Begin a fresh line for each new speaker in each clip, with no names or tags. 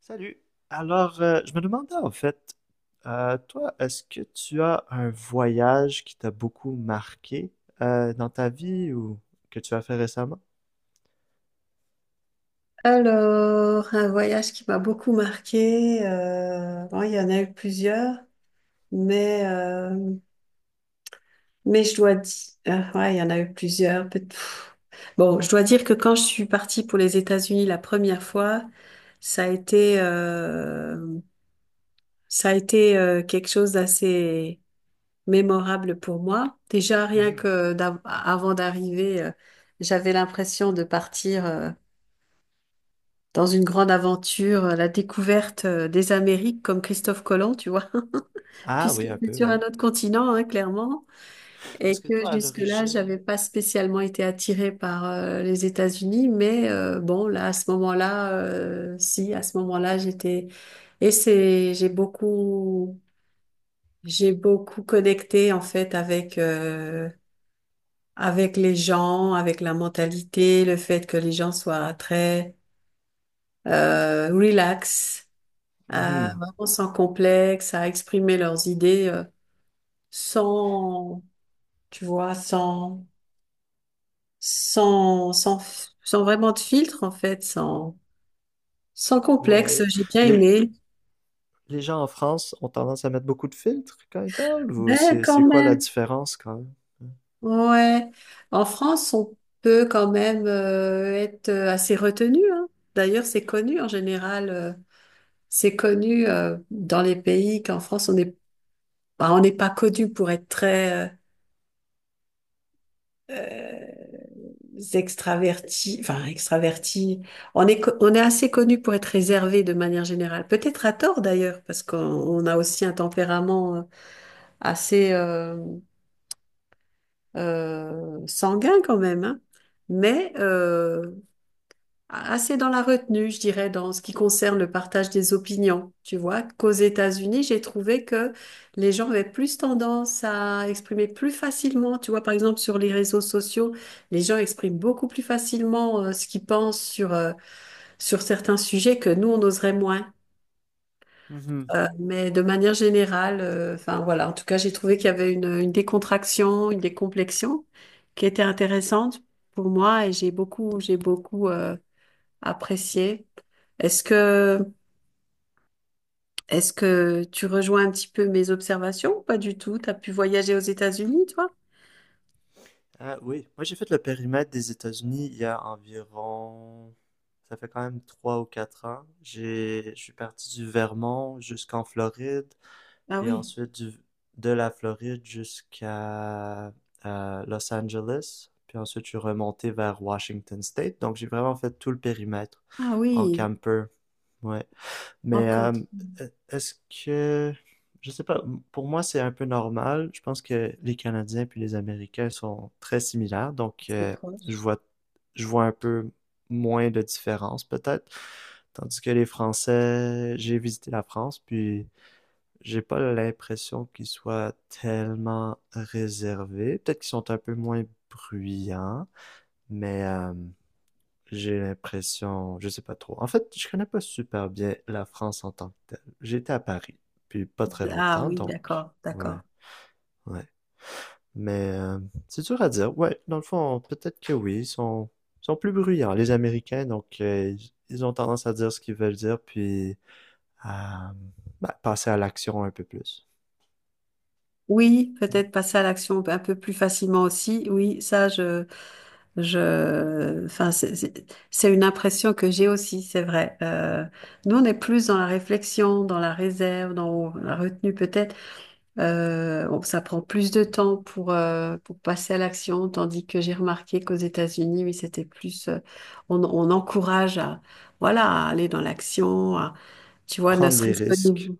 Salut. Alors, je me demandais en fait, toi, est-ce que tu as un voyage qui t'a beaucoup marqué dans ta vie ou que tu as fait récemment?
Alors, un voyage qui m'a beaucoup marqué, bon, il y en a eu plusieurs, mais, euh, mais je dois dire, ouais, il y en a eu plusieurs. Peut- pff. Bon, je dois dire que quand je suis partie pour les États-Unis la première fois, ça a été, euh, ça a été quelque chose d'assez mémorable pour moi. Déjà, rien
Mhm.
que avant d'arriver, j'avais l'impression de partir. Dans une grande aventure, la découverte des Amériques comme Christophe Colomb, tu vois,
Ah
puisque
oui, un
c'est
peu,
sur un
oui.
autre continent, hein, clairement, et
Parce que
que
toi, à
jusque-là,
l'origine,
j'avais pas spécialement été attirée par les États-Unis, mais bon, là, à ce moment-là, si, à ce moment-là, j'étais, et j'ai beaucoup connecté en fait avec. Avec les gens, avec la mentalité, le fait que les gens soient très relax, à
mhm,
vraiment sans complexe, à exprimer leurs idées sans, tu vois, sans, sans, sans vraiment de filtre en fait, sans complexe.
ouais,
J'ai bien
les,
aimé.
les gens en France ont tendance à mettre beaucoup de filtres quand ils parlent ou
Ben
c'est
quand
c'est quoi la
même,
différence quand
ouais. En France, on peut quand même être assez retenu, hein. D'ailleurs, c'est connu en général. C'est connu dans les pays qu'en France, on n'est pas connu pour être très euh, extravertis, enfin extravertis. On est assez connu pour être réservé de manière générale. Peut-être à tort d'ailleurs, parce qu'on on a aussi un tempérament assez sanguin quand même, hein. Mais assez dans la retenue, je dirais, dans ce qui concerne le partage des opinions. Tu vois, qu'aux États-Unis, j'ai trouvé que les gens avaient plus tendance à exprimer plus facilement. Tu vois, par exemple, sur les réseaux sociaux, les gens expriment beaucoup plus facilement ce qu'ils pensent sur, sur certains sujets que nous, on oserait moins.
même?
Mais de manière générale, enfin voilà, en tout cas, j'ai trouvé qu'il y avait une décontraction, une décomplexion qui était intéressante pour moi et j'ai beaucoup apprécié. Est-ce que, est-ce que tu rejoins un petit peu mes observations ou pas du tout? T'as pu voyager aux États-Unis, toi?
Ah oui, moi j'ai fait le périmètre des États-Unis il y a environ, ça fait quand même 3 ou 4 ans. Je suis parti du Vermont jusqu'en Floride
Ah
et
oui,
ensuite de la Floride jusqu'à Los Angeles. Puis ensuite je suis remonté vers Washington State. Donc j'ai vraiment fait tout le périmètre
ah
en
oui,
camper. Ouais. Mais
encore.
est-ce que, je sais pas, pour moi c'est un peu normal. Je pense que les Canadiens puis les Américains sont très similaires, donc
C'est
je
proche.
vois, je vois un peu moins de différence peut-être. Tandis que les Français, j'ai visité la France, puis j'ai pas l'impression qu'ils soient tellement réservés. Peut-être qu'ils sont un peu moins bruyants, mais j'ai l'impression, je sais pas trop. En fait, je connais pas super bien la France en tant que telle. J'étais à Paris, puis pas très
Ah
longtemps,
oui,
donc
d'accord,
ouais,
d'accord.
ouais. Mais c'est dur à dire. Ouais, dans le fond, peut-être que oui, ils sont plus bruyants les Américains, donc ils ont tendance à dire ce qu'ils veulent dire, puis à bah, passer à l'action un peu plus.
Oui, peut-être passer à l'action un peu plus facilement aussi. Oui, enfin, c'est une impression que j'ai aussi, c'est vrai. Nous, on est plus dans la réflexion, dans la réserve, dans la retenue peut-être. Bon, ça prend plus de temps pour passer à l'action, tandis que j'ai remarqué qu'aux États-Unis, oui, c'était plus, on encourage à, voilà, à aller dans l'action, à, tu vois, ne
Prendre des
serait-ce qu'au
risques.
niveau,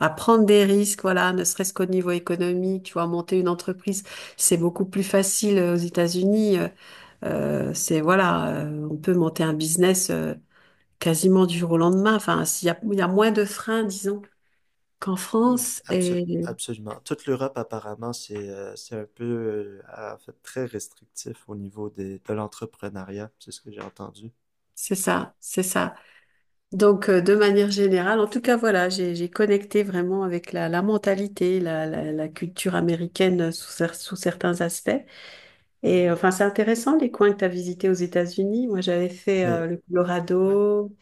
à prendre des risques, voilà, ne serait-ce qu'au niveau économique, tu vois, monter une entreprise, c'est beaucoup plus facile aux États-Unis. C'est, voilà, on peut monter un business, quasiment du jour au lendemain. Enfin, il y a moins de freins, disons, qu'en
Hmm.
France, et
Absolument. Toute l'Europe, apparemment, c'est un peu, en fait, très restrictif au niveau de l'entrepreneuriat. C'est ce que j'ai entendu.
c'est ça, c'est ça. Donc, de manière générale, en tout cas, voilà, j'ai connecté vraiment avec la mentalité, la culture américaine sous, sous certains aspects. Et
Mhm.
enfin, c'est intéressant les coins que tu as visités aux États-Unis. Moi, j'avais fait
Mais
le
ouais,
Colorado,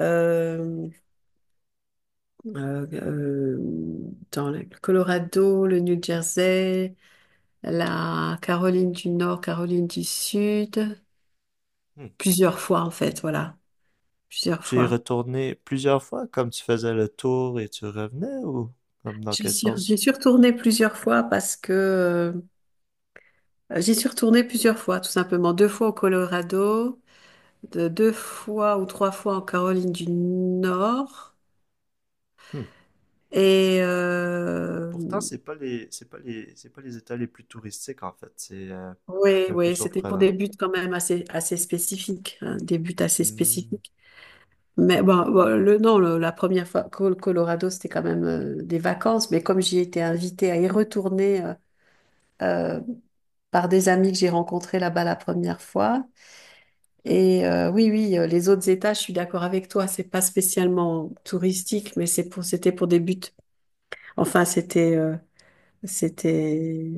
euh, euh, euh, dans le Colorado, le New Jersey, la Caroline du Nord, Caroline du Sud,
hmm,
plusieurs fois en fait, voilà, plusieurs
tu es
fois.
retourné plusieurs fois, comme tu faisais le tour et tu revenais, ou comme dans quel
J'y
sens?
suis retournée plusieurs fois parce que j'y suis retournée plusieurs fois, tout simplement. Deux fois au Colorado, deux fois ou trois fois en Caroline du Nord. Et
Pourtant, c'est pas les États les plus touristiques, en fait.
oui,
C'est un peu
oui, c'était pour
surprenant.
des buts quand même assez, assez spécifiques, hein, des buts assez
Hmm.
spécifiques. Mais bon, bon, le, non, le- la première fois au Colorado, c'était quand même des vacances. Mais comme j'y étais invitée à y retourner euh, par des amis que j'ai rencontrés là-bas la première fois, et oui, oui, les autres États, je suis d'accord avec toi. C'est pas spécialement touristique, mais c'était pour des buts. Enfin, c'était,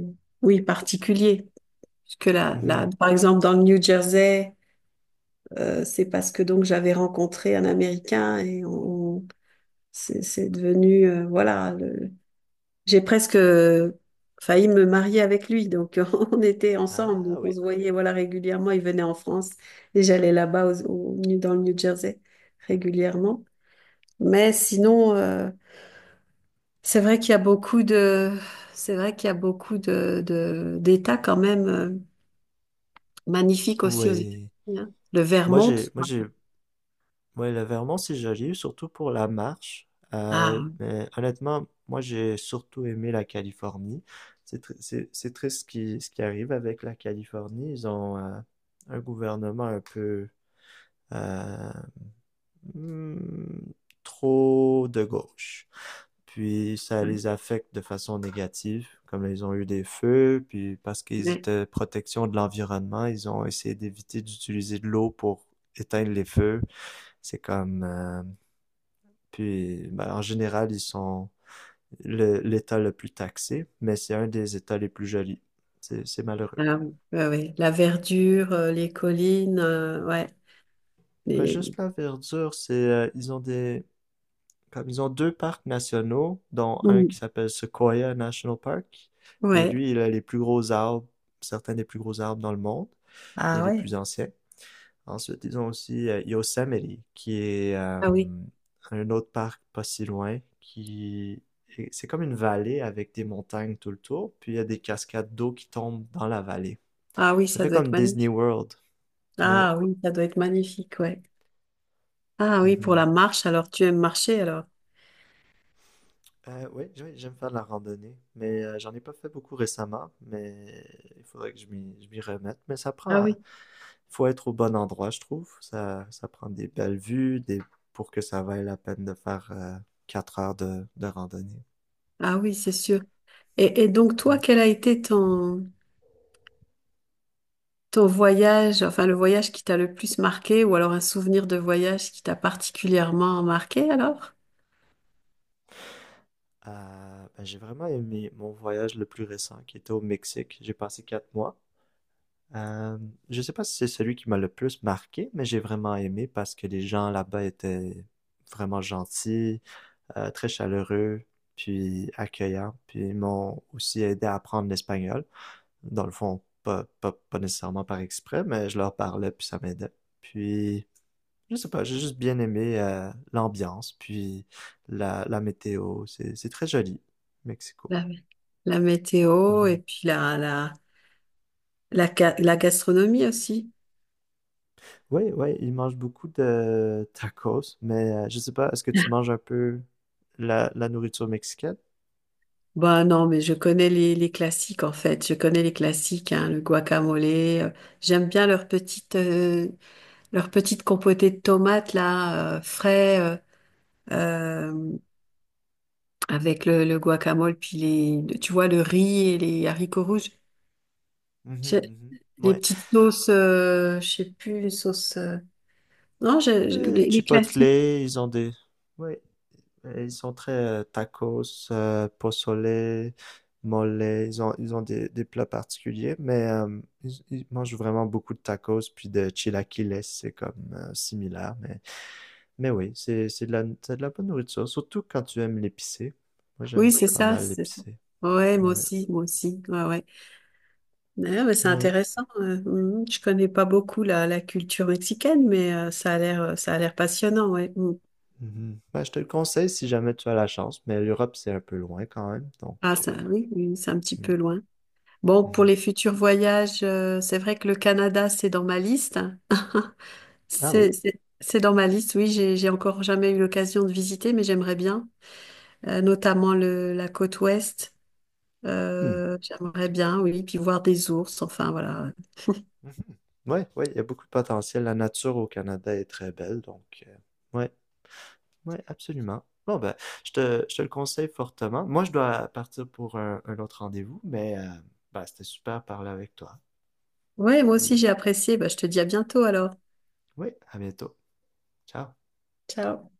oui, particulier, parce que là,
Mhm.
par exemple, dans le New Jersey, c'est parce que donc j'avais rencontré un Américain c'est devenu, voilà, j'ai presque failli me marier avec lui, donc on était ensemble,
Ah
donc on
oui.
se voyait voilà régulièrement. Il venait en France et j'allais là-bas dans le New Jersey régulièrement. Mais sinon, c'est vrai qu'il y a beaucoup c'est vrai qu'il y a beaucoup de, d'États quand même magnifiques aussi aux
Oui.
États-Unis, hein. Le
Moi,
Vermont,
j'ai, moi, j'ai, ouais, le Vermont, c'est joli, surtout pour la marche.
ah
Mais honnêtement, moi, j'ai surtout aimé la Californie. C'est triste ce qui arrive avec la Californie. Ils ont un gouvernement un peu euh, hmm, trop de gauche. Puis ça
ouais,
les affecte de façon négative, comme ils ont eu des feux, puis parce qu'ils
ouais,
étaient protection de l'environnement, ils ont essayé d'éviter d'utiliser de l'eau pour éteindre les feux. C'est comme... euh, puis ben, en général, ils sont l'État le plus taxé, mais c'est un des États les plus jolis. C'est malheureux.
ah oui, ouais, ouais. La verdure, les collines, ouais,
Pas
les...
juste la verdure, ils ont des... Comme ils ont deux parcs nationaux, dont un
Mm.
qui s'appelle Sequoia National Park. Et
Ouais,
lui, il a les plus gros arbres, certains des plus gros arbres dans le monde et
ah
les
ouais.
plus anciens. Ensuite, ils ont aussi Yosemite, qui est
Ah oui.
un autre parc pas si loin, qui et c'est comme une vallée avec des montagnes tout le tour, puis il y a des cascades d'eau qui tombent dans la vallée.
Ah oui,
Ça
ça
fait
doit être
comme Disney
magnifique.
World. Ouais.
Ah oui, ça doit être magnifique, ouais. Ah oui, pour
Mhm.
la marche, alors tu aimes marcher alors.
Oui, oui, j'aime faire de la randonnée, mais j'en ai pas fait beaucoup récemment, mais il faudrait que je m'y remette. Mais ça
Ah
prend,
oui,
faut être au bon endroit, je trouve. Ça prend des belles vues, des... pour que ça vaille la peine de faire 4 heures de randonnée.
ah oui, c'est sûr. Et donc toi,
Mm.
quel a été ton voyage, enfin le voyage qui t'a le plus marqué, ou alors un souvenir de voyage qui t'a particulièrement marqué alors?
Ben, j'ai vraiment aimé mon voyage le plus récent, qui était au Mexique. J'ai passé 4 mois. Euh, je sais pas si c'est celui qui m'a le plus marqué, mais j'ai vraiment aimé parce que les gens là-bas étaient vraiment gentils. Très chaleureux, puis accueillant, puis ils m'ont aussi aidé à apprendre l'espagnol. Dans le fond, pas nécessairement par exprès, mais je leur parlais, puis ça m'aidait. Puis, je sais pas, j'ai juste bien aimé l'ambiance, puis la météo. C'est très joli, Mexico.
La, la météo et
Mhm.
puis la gastronomie aussi.
Oui, oui, ils mangent beaucoup de tacos, mais je sais pas, est-ce que tu manges un peu la nourriture mexicaine?
Ben non, mais je connais les classiques en fait. Je connais les classiques, hein, le guacamole. J'aime bien leurs petites leur petite compotée de tomates là, frais, euh, avec le guacamole, puis les, tu vois, le riz et les haricots rouges.
Mhm,
J'ai-
mhm.
Les
Ouais.
petites sauces, je sais plus, les sauces... non, les
Chipotle,
classiques.
ils ont des... Ouais. Et ils sont très tacos, pozole, mole. Ils ont des plats particuliers, mais ils mangent vraiment beaucoup de tacos, puis de chilaquiles, c'est comme similaire. Mais oui, c'est de la bonne nourriture, surtout quand tu aimes l'épicé. Moi,
Oui,
j'aime
c'est
pas
ça,
mal
c'est ça.
l'épicé.
Ouais, moi
Ouais.
aussi, moi aussi. Ouais, ouais. Ouais, mais c'est
Ouais.
intéressant. Mhm. Je connais pas beaucoup la culture mexicaine, mais ça a l'air passionnant, ouais. Mm.
Mhm. Ben, je te le conseille si jamais tu as la chance, mais l'Europe, c'est un peu loin quand même. Donc,
Ah, ça,
euh,
oui, oui, c'est un petit
mm,
peu loin. Bon, pour
mhm.
les futurs voyages, c'est vrai que le Canada, c'est dans ma liste.
Ah oui.
C'est dans ma liste, oui, j'ai encore jamais eu l'occasion de visiter, mais j'aimerais bien. Notamment la côte ouest.
Hmm.
J'aimerais bien, oui, puis voir des ours, enfin voilà.
Mhm. Ouais, ouais, il y a beaucoup de potentiel. La nature au Canada est très belle, donc ouais, ouais, absolument. Bon ben, je te le conseille fortement. Moi, je dois partir pour un autre rendez-vous, mais ben, c'était super de parler avec toi.
Ouais, moi aussi
Puis,
j'ai apprécié. Bah, je te dis à bientôt alors.
oui, à bientôt. Ciao.
Ciao.